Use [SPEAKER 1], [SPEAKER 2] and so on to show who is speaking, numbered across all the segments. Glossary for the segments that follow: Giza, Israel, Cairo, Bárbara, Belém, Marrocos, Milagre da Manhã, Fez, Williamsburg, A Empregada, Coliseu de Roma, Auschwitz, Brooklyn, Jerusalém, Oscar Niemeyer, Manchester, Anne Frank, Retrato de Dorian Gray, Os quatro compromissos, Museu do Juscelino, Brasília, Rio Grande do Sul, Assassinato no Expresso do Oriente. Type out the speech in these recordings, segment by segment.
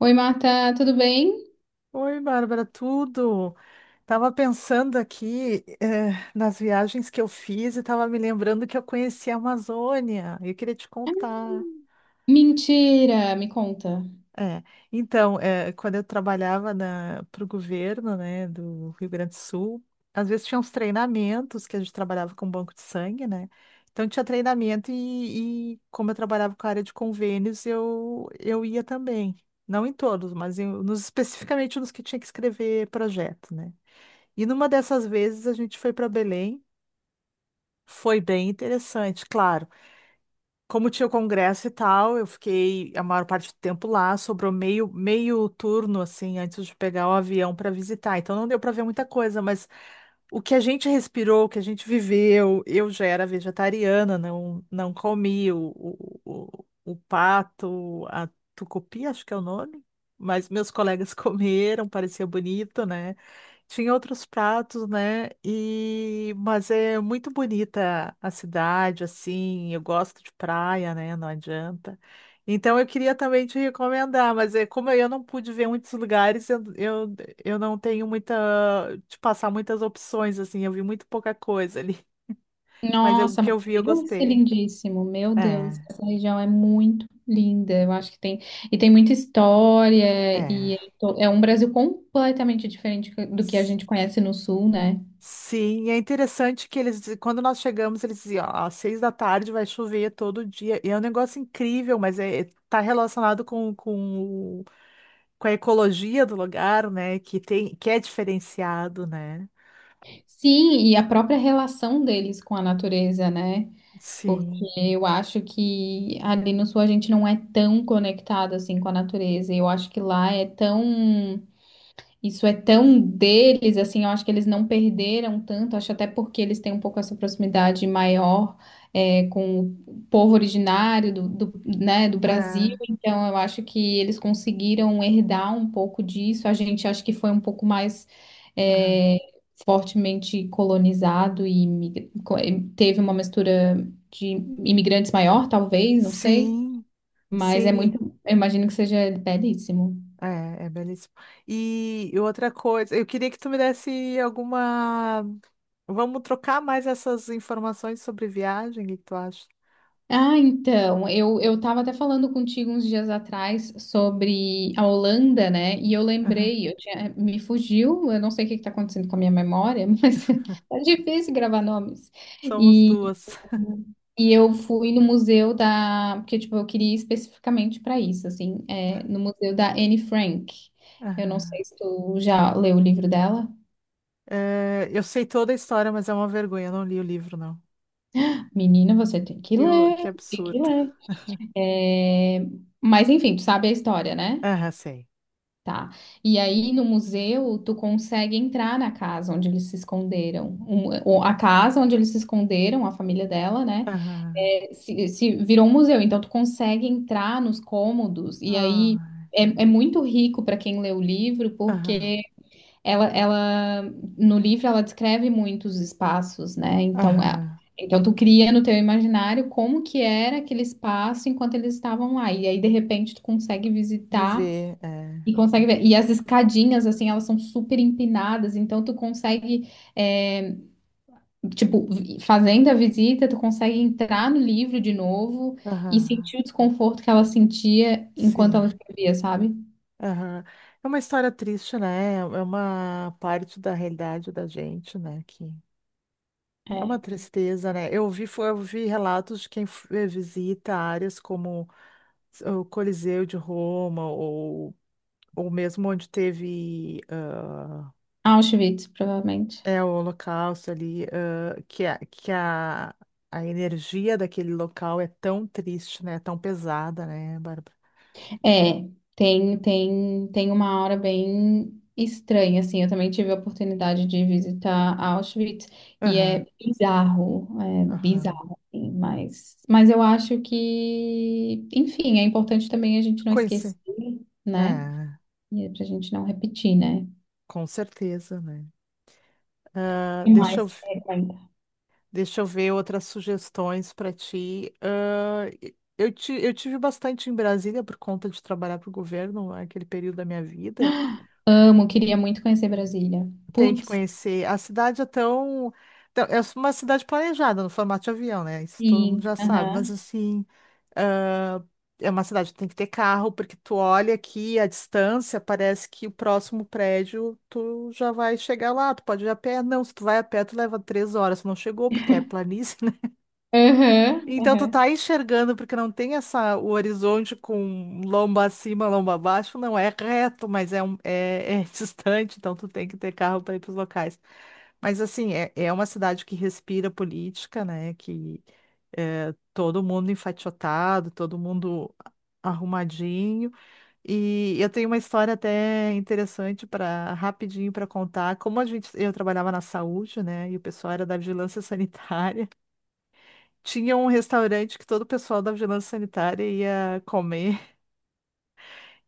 [SPEAKER 1] Oi, Marta, tudo bem?
[SPEAKER 2] Oi, Bárbara, tudo? Tava pensando aqui, nas viagens que eu fiz e tava me lembrando que eu conheci a Amazônia. Eu queria te
[SPEAKER 1] Ah,
[SPEAKER 2] contar.
[SPEAKER 1] mentira, me conta.
[SPEAKER 2] É, então, quando eu trabalhava para o governo, né, do Rio Grande do Sul, às vezes tinha uns treinamentos que a gente trabalhava com banco de sangue, né? Então tinha treinamento e como eu trabalhava com a área de convênios, eu ia também. Não em todos, mas especificamente nos que tinha que escrever projeto, né? E numa dessas vezes a gente foi para Belém, foi bem interessante, claro. Como tinha o congresso e tal, eu fiquei a maior parte do tempo lá, sobrou meio turno assim antes de pegar o avião para visitar. Então não deu para ver muita coisa, mas o que a gente respirou, o que a gente viveu, eu já era vegetariana, não não comi o pato, a tucupi, acho que é o nome, mas meus colegas comeram, parecia bonito, né? Tinha outros pratos, né? E mas é muito bonita a cidade, assim. Eu gosto de praia, né? Não adianta. Então eu queria também te recomendar, mas é como eu não pude ver muitos lugares, eu não tenho muita te passar muitas opções, assim. Eu vi muito pouca coisa ali, o
[SPEAKER 1] Nossa,
[SPEAKER 2] que
[SPEAKER 1] mas
[SPEAKER 2] eu vi eu
[SPEAKER 1] deve ser
[SPEAKER 2] gostei.
[SPEAKER 1] lindíssimo. Meu
[SPEAKER 2] É,
[SPEAKER 1] Deus, essa região é muito linda. Eu acho que tem, e tem muita história
[SPEAKER 2] é.
[SPEAKER 1] e é é um Brasil completamente diferente do que a gente conhece no sul, né?
[SPEAKER 2] Sim, é interessante que eles, quando nós chegamos, eles diziam, ó, às seis da tarde vai chover todo dia. E é um negócio incrível, mas é, tá relacionado com a ecologia do lugar, né? Que tem, que é diferenciado, né?
[SPEAKER 1] Sim, e a própria relação deles com a natureza, né? Porque
[SPEAKER 2] Sim.
[SPEAKER 1] eu acho que ali no sul a gente não é tão conectado assim com a natureza. E eu acho que lá é tão... Isso é tão deles, assim, eu acho que eles não perderam tanto, acho até porque eles têm um pouco essa proximidade maior, com o povo originário né, do Brasil,
[SPEAKER 2] É,
[SPEAKER 1] então eu acho que eles conseguiram herdar um pouco disso, a gente acho que foi um pouco mais,
[SPEAKER 2] é.
[SPEAKER 1] é, fortemente colonizado e e teve uma mistura de imigrantes maior, talvez, não sei,
[SPEAKER 2] Sim,
[SPEAKER 1] mas é muito,
[SPEAKER 2] sim.
[SPEAKER 1] eu imagino que seja belíssimo.
[SPEAKER 2] É, é belíssimo. E outra coisa, eu queria que tu me desse alguma. Vamos trocar mais essas informações sobre viagem, o que que tu acha?
[SPEAKER 1] Ah, então, eu estava até falando contigo uns dias atrás sobre a Holanda, né? E eu
[SPEAKER 2] Aham.
[SPEAKER 1] lembrei, eu tinha, me fugiu, eu não sei o que está acontecendo com a minha memória, mas é difícil gravar nomes.
[SPEAKER 2] Somos
[SPEAKER 1] E,
[SPEAKER 2] duas.
[SPEAKER 1] e eu fui no museu da, porque tipo, eu queria ir especificamente para isso, assim, é, no museu da Anne Frank. Eu não
[SPEAKER 2] Aham.
[SPEAKER 1] sei se tu já leu o livro dela.
[SPEAKER 2] É, eu sei toda a história, mas é uma vergonha. Eu não li o livro, não.
[SPEAKER 1] Menina, você tem que ler,
[SPEAKER 2] Que
[SPEAKER 1] tem que
[SPEAKER 2] absurdo.
[SPEAKER 1] ler. É, mas enfim, tu sabe a história, né?
[SPEAKER 2] Aham, sei.
[SPEAKER 1] Tá. E aí no museu tu consegue entrar na casa onde eles se esconderam. Ou a casa onde eles se esconderam, a família dela, né?
[SPEAKER 2] Aham.
[SPEAKER 1] É, se virou um museu, então tu consegue entrar nos cômodos. E aí
[SPEAKER 2] Ah,
[SPEAKER 1] é, é muito rico para quem lê o livro,
[SPEAKER 2] aham.
[SPEAKER 1] porque ela no livro ela descreve muitos espaços, né? Então,
[SPEAKER 2] Aham.
[SPEAKER 1] então tu cria no teu imaginário como que era aquele espaço enquanto eles estavam lá. E aí de repente tu consegue visitar
[SPEAKER 2] Viver, é.
[SPEAKER 1] e consegue ver. E as escadinhas, assim, elas são super empinadas, então tu consegue, é, tipo, fazendo a visita, tu consegue entrar no livro de novo e
[SPEAKER 2] Aham.
[SPEAKER 1] sentir o desconforto que ela sentia enquanto ela
[SPEAKER 2] Sim.
[SPEAKER 1] escrevia, sabe?
[SPEAKER 2] Aham. É uma história triste, né? É é uma parte da realidade da gente, né? Que é uma
[SPEAKER 1] É.
[SPEAKER 2] tristeza, né? Eu vi relatos de quem visita áreas como o Coliseu de Roma, ou mesmo onde teve.
[SPEAKER 1] Auschwitz, provavelmente.
[SPEAKER 2] É o holocausto ali, a energia daquele local é tão triste, né? Tão pesada, né, Bárbara?
[SPEAKER 1] É, tem uma hora bem estranha, assim. Eu também tive a oportunidade de visitar Auschwitz e
[SPEAKER 2] Aham,
[SPEAKER 1] é
[SPEAKER 2] aham.
[SPEAKER 1] bizarro, assim, mas eu acho que, enfim, é importante também a gente não
[SPEAKER 2] Conheci.
[SPEAKER 1] esquecer, né?
[SPEAKER 2] É,
[SPEAKER 1] E é pra gente não repetir, né?
[SPEAKER 2] com certeza, né? Ah,
[SPEAKER 1] E
[SPEAKER 2] deixa
[SPEAKER 1] mais
[SPEAKER 2] eu,
[SPEAKER 1] que frequenta.
[SPEAKER 2] deixa eu ver outras sugestões para ti. Ah, eu tive bastante em Brasília por conta de trabalhar para o governo, aquele período da minha vida.
[SPEAKER 1] Amo, queria muito conhecer Brasília.
[SPEAKER 2] Tem que
[SPEAKER 1] Putz,
[SPEAKER 2] conhecer. A cidade é tão. Tão- É uma cidade planejada no formato de avião, né? Isso todo mundo
[SPEAKER 1] sim,
[SPEAKER 2] já sabe. Mas
[SPEAKER 1] aham,
[SPEAKER 2] assim, ah, é uma cidade que tem que ter carro, porque tu olha aqui a distância, parece que o próximo prédio tu já vai chegar lá, tu pode ir a pé. Não, se tu vai a pé, tu leva três horas. Tu não chegou, porque é planície,
[SPEAKER 1] aham,
[SPEAKER 2] então tu
[SPEAKER 1] aham.
[SPEAKER 2] tá enxergando porque não tem essa o horizonte com lomba acima, lomba abaixo, não é reto, mas é distante, então tu tem que ter carro para ir para os locais. Mas assim, é uma cidade que respira política, né? Que é todo mundo enfaixotado, todo mundo arrumadinho. E eu tenho uma história até interessante para rapidinho para contar. Como a gente, eu trabalhava na saúde, né? E o pessoal era da vigilância sanitária. Tinha um restaurante que todo o pessoal da vigilância sanitária ia comer.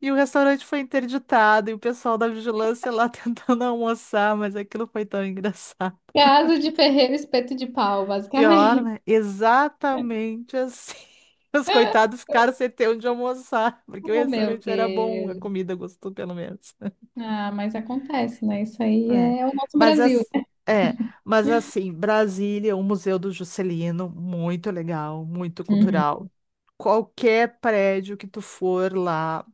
[SPEAKER 2] E o restaurante foi interditado, e o pessoal da vigilância lá tentando almoçar, mas aquilo foi tão engraçado.
[SPEAKER 1] Casa de ferreiro, espeto de pau,
[SPEAKER 2] Pior,
[SPEAKER 1] basicamente.
[SPEAKER 2] né? Exatamente assim. Os coitados ficaram sem ter onde almoçar, porque o
[SPEAKER 1] Oh, meu
[SPEAKER 2] restaurante era bom, a
[SPEAKER 1] Deus.
[SPEAKER 2] comida gostou, pelo menos.
[SPEAKER 1] Ah, mas acontece, né? Isso aí
[SPEAKER 2] É.
[SPEAKER 1] é o nosso
[SPEAKER 2] Mas,
[SPEAKER 1] Brasil.
[SPEAKER 2] as- é, mas assim, Brasília, o Museu do Juscelino, muito legal, muito
[SPEAKER 1] Uhum.
[SPEAKER 2] cultural. Qualquer prédio que tu for lá,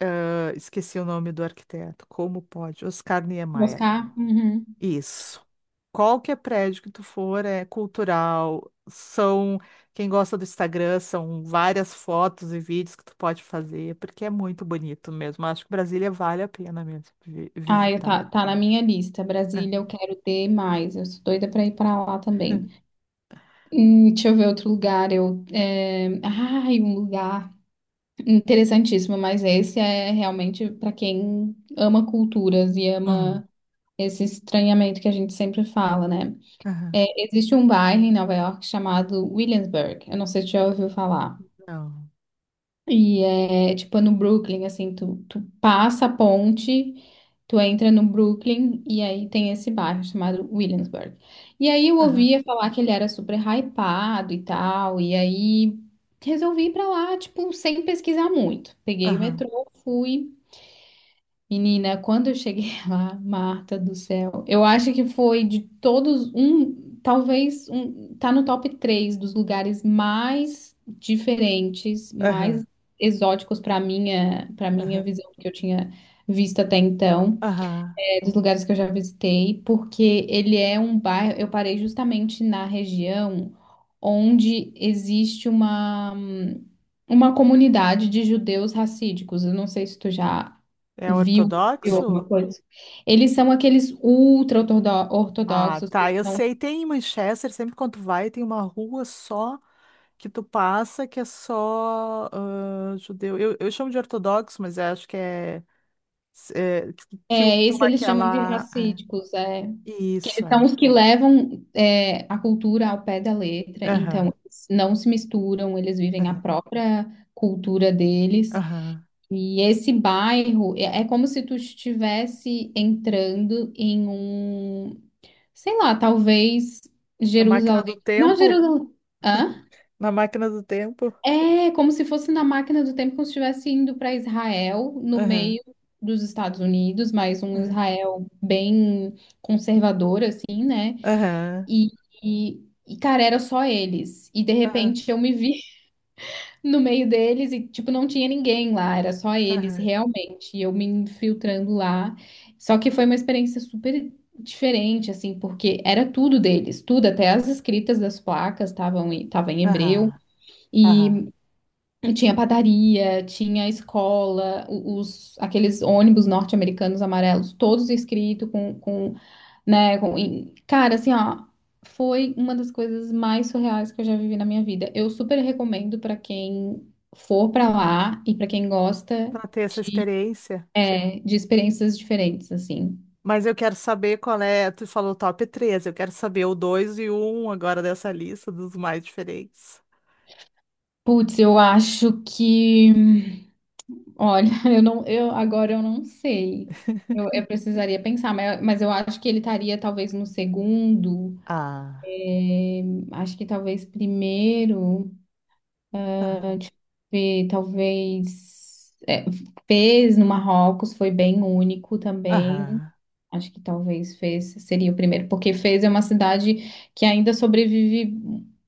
[SPEAKER 2] ah, esqueci o nome do arquiteto. Como pode? Oscar Niemeyer.
[SPEAKER 1] Buscar? Uhum.
[SPEAKER 2] Isso. Qualquer prédio que tu for é cultural. São quem gosta do Instagram, são várias fotos e vídeos que tu pode fazer, porque é muito bonito mesmo. Acho que Brasília vale a pena mesmo
[SPEAKER 1] Ah, eu
[SPEAKER 2] visitar.
[SPEAKER 1] tá, tá na minha lista. Brasília, eu quero ter mais. Eu sou doida pra ir pra lá também. Deixa eu ver outro lugar. Eu, é... Ai, um lugar interessantíssimo, mas esse é realmente pra quem ama culturas e
[SPEAKER 2] Hum.
[SPEAKER 1] ama esse estranhamento que a gente sempre fala, né?
[SPEAKER 2] Aham.
[SPEAKER 1] É, existe um bairro em Nova York chamado Williamsburg. Eu não sei se você já ouviu falar.
[SPEAKER 2] Não.
[SPEAKER 1] E é tipo é no Brooklyn, assim, tu passa a ponte, tu entra no Brooklyn e aí tem esse bairro chamado Williamsburg. E aí eu
[SPEAKER 2] Aham.
[SPEAKER 1] ouvia falar que ele era super hypado e tal, e aí resolvi ir pra lá, tipo, sem pesquisar muito. Peguei o
[SPEAKER 2] Aham.
[SPEAKER 1] metrô, fui. Menina, quando eu cheguei lá, Marta do céu, eu acho que foi de todos um, talvez um, tá no top 3 dos lugares mais diferentes,
[SPEAKER 2] Aham.
[SPEAKER 1] mais exóticos para
[SPEAKER 2] Aham.
[SPEAKER 1] minha visão que eu tinha visto até então,
[SPEAKER 2] Aham.
[SPEAKER 1] dos lugares que eu já visitei, porque ele é um bairro. Eu parei justamente na região onde existe uma comunidade de judeus racídicos. Eu não sei se tu já
[SPEAKER 2] É
[SPEAKER 1] viu, viu alguma
[SPEAKER 2] ortodoxo?
[SPEAKER 1] coisa. Eles são aqueles
[SPEAKER 2] Ah,
[SPEAKER 1] ultra-ortodoxos, que
[SPEAKER 2] tá.
[SPEAKER 1] eles
[SPEAKER 2] Eu
[SPEAKER 1] são.
[SPEAKER 2] sei, tem em Manchester, sempre quando tu vai, tem uma rua só. Que tu passa que é só ah, judeu. Eu chamo de ortodoxo, mas eu acho que que usam
[SPEAKER 1] É, esse eles chamam de
[SPEAKER 2] aquela. É.
[SPEAKER 1] racídicos. É.
[SPEAKER 2] Isso
[SPEAKER 1] Eles são
[SPEAKER 2] é.
[SPEAKER 1] os que levam é, a cultura ao pé da letra, então
[SPEAKER 2] Aham,
[SPEAKER 1] eles não se misturam, eles vivem a
[SPEAKER 2] aham,
[SPEAKER 1] própria cultura deles.
[SPEAKER 2] aham.
[SPEAKER 1] E esse bairro é, é como se tu estivesse entrando em um, sei lá, talvez
[SPEAKER 2] Na máquina
[SPEAKER 1] Jerusalém.
[SPEAKER 2] do
[SPEAKER 1] Não,
[SPEAKER 2] tempo?
[SPEAKER 1] Jerusalém. Hã?
[SPEAKER 2] Na máquina do tempo?
[SPEAKER 1] É como se fosse na máquina do tempo, como se estivesse indo para Israel, no
[SPEAKER 2] Aham,
[SPEAKER 1] meio dos Estados Unidos, mas um
[SPEAKER 2] aham,
[SPEAKER 1] Israel bem conservador, assim.
[SPEAKER 2] aham,
[SPEAKER 1] E, e, e, cara, era só eles. E de
[SPEAKER 2] aham,
[SPEAKER 1] repente eu me vi no meio deles e, tipo, não tinha ninguém lá, era só eles,
[SPEAKER 2] aham,
[SPEAKER 1] realmente. E eu me infiltrando lá. Só que foi uma experiência super diferente, assim, porque era tudo deles, tudo, até as escritas das placas estavam em, tava em hebreu.
[SPEAKER 2] aham, aham.
[SPEAKER 1] E tinha padaria, tinha escola, os, aqueles ônibus norte-americanos amarelos, todos escritos com, né? E, cara, assim, ó, foi uma das coisas mais surreais que eu já vivi na minha vida. Eu super recomendo pra quem for pra lá e pra quem gosta
[SPEAKER 2] Pra ter essa
[SPEAKER 1] de,
[SPEAKER 2] experiência.
[SPEAKER 1] é, de experiências diferentes, assim.
[SPEAKER 2] Mas eu quero saber qual é. Tu falou top 3, eu quero saber o 2 e o 1 agora dessa lista dos mais diferentes.
[SPEAKER 1] Putz, eu acho que, olha, eu não, eu agora eu não sei. Eu precisaria pensar, mas eu acho que ele estaria talvez no segundo,
[SPEAKER 2] Ah.
[SPEAKER 1] é, acho que talvez primeiro. Tive, talvez, é, Fez no Marrocos foi bem único também.
[SPEAKER 2] Aham,
[SPEAKER 1] Acho que talvez Fez seria o primeiro, porque Fez é uma cidade que ainda sobrevive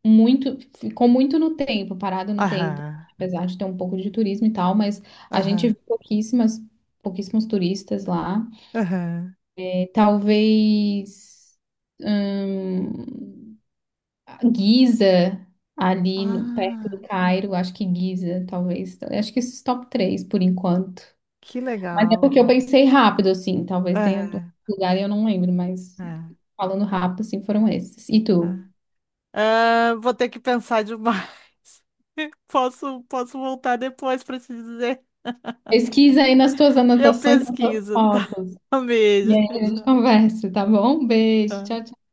[SPEAKER 1] muito, ficou muito no tempo, parada no tempo,
[SPEAKER 2] aham,
[SPEAKER 1] apesar de ter um pouco de turismo e tal, mas a gente viu
[SPEAKER 2] aham,
[SPEAKER 1] pouquíssimas, pouquíssimos turistas lá.
[SPEAKER 2] aham.
[SPEAKER 1] É, talvez, hum, Giza, ali no- perto do
[SPEAKER 2] Ah,
[SPEAKER 1] Cairo, acho que Giza, talvez. Acho que esses top 3 por enquanto.
[SPEAKER 2] que
[SPEAKER 1] Mas é
[SPEAKER 2] legal.
[SPEAKER 1] porque eu pensei rápido, assim. Talvez tenha um
[SPEAKER 2] Aham,
[SPEAKER 1] lugar e eu não lembro, mas
[SPEAKER 2] aham,
[SPEAKER 1] falando rápido, assim, foram esses. E tu?
[SPEAKER 2] aham. Ah, vou ter que pensar demais. Posso voltar depois para te dizer.
[SPEAKER 1] Pesquisa aí nas tuas
[SPEAKER 2] Eu
[SPEAKER 1] anotações, nas tuas
[SPEAKER 2] pesquiso, tá?
[SPEAKER 1] fotos.
[SPEAKER 2] Um
[SPEAKER 1] E
[SPEAKER 2] beijo.
[SPEAKER 1] aí a gente
[SPEAKER 2] Tchau,
[SPEAKER 1] conversa, tá bom? Beijo,
[SPEAKER 2] tchau.
[SPEAKER 1] tchau, tchau.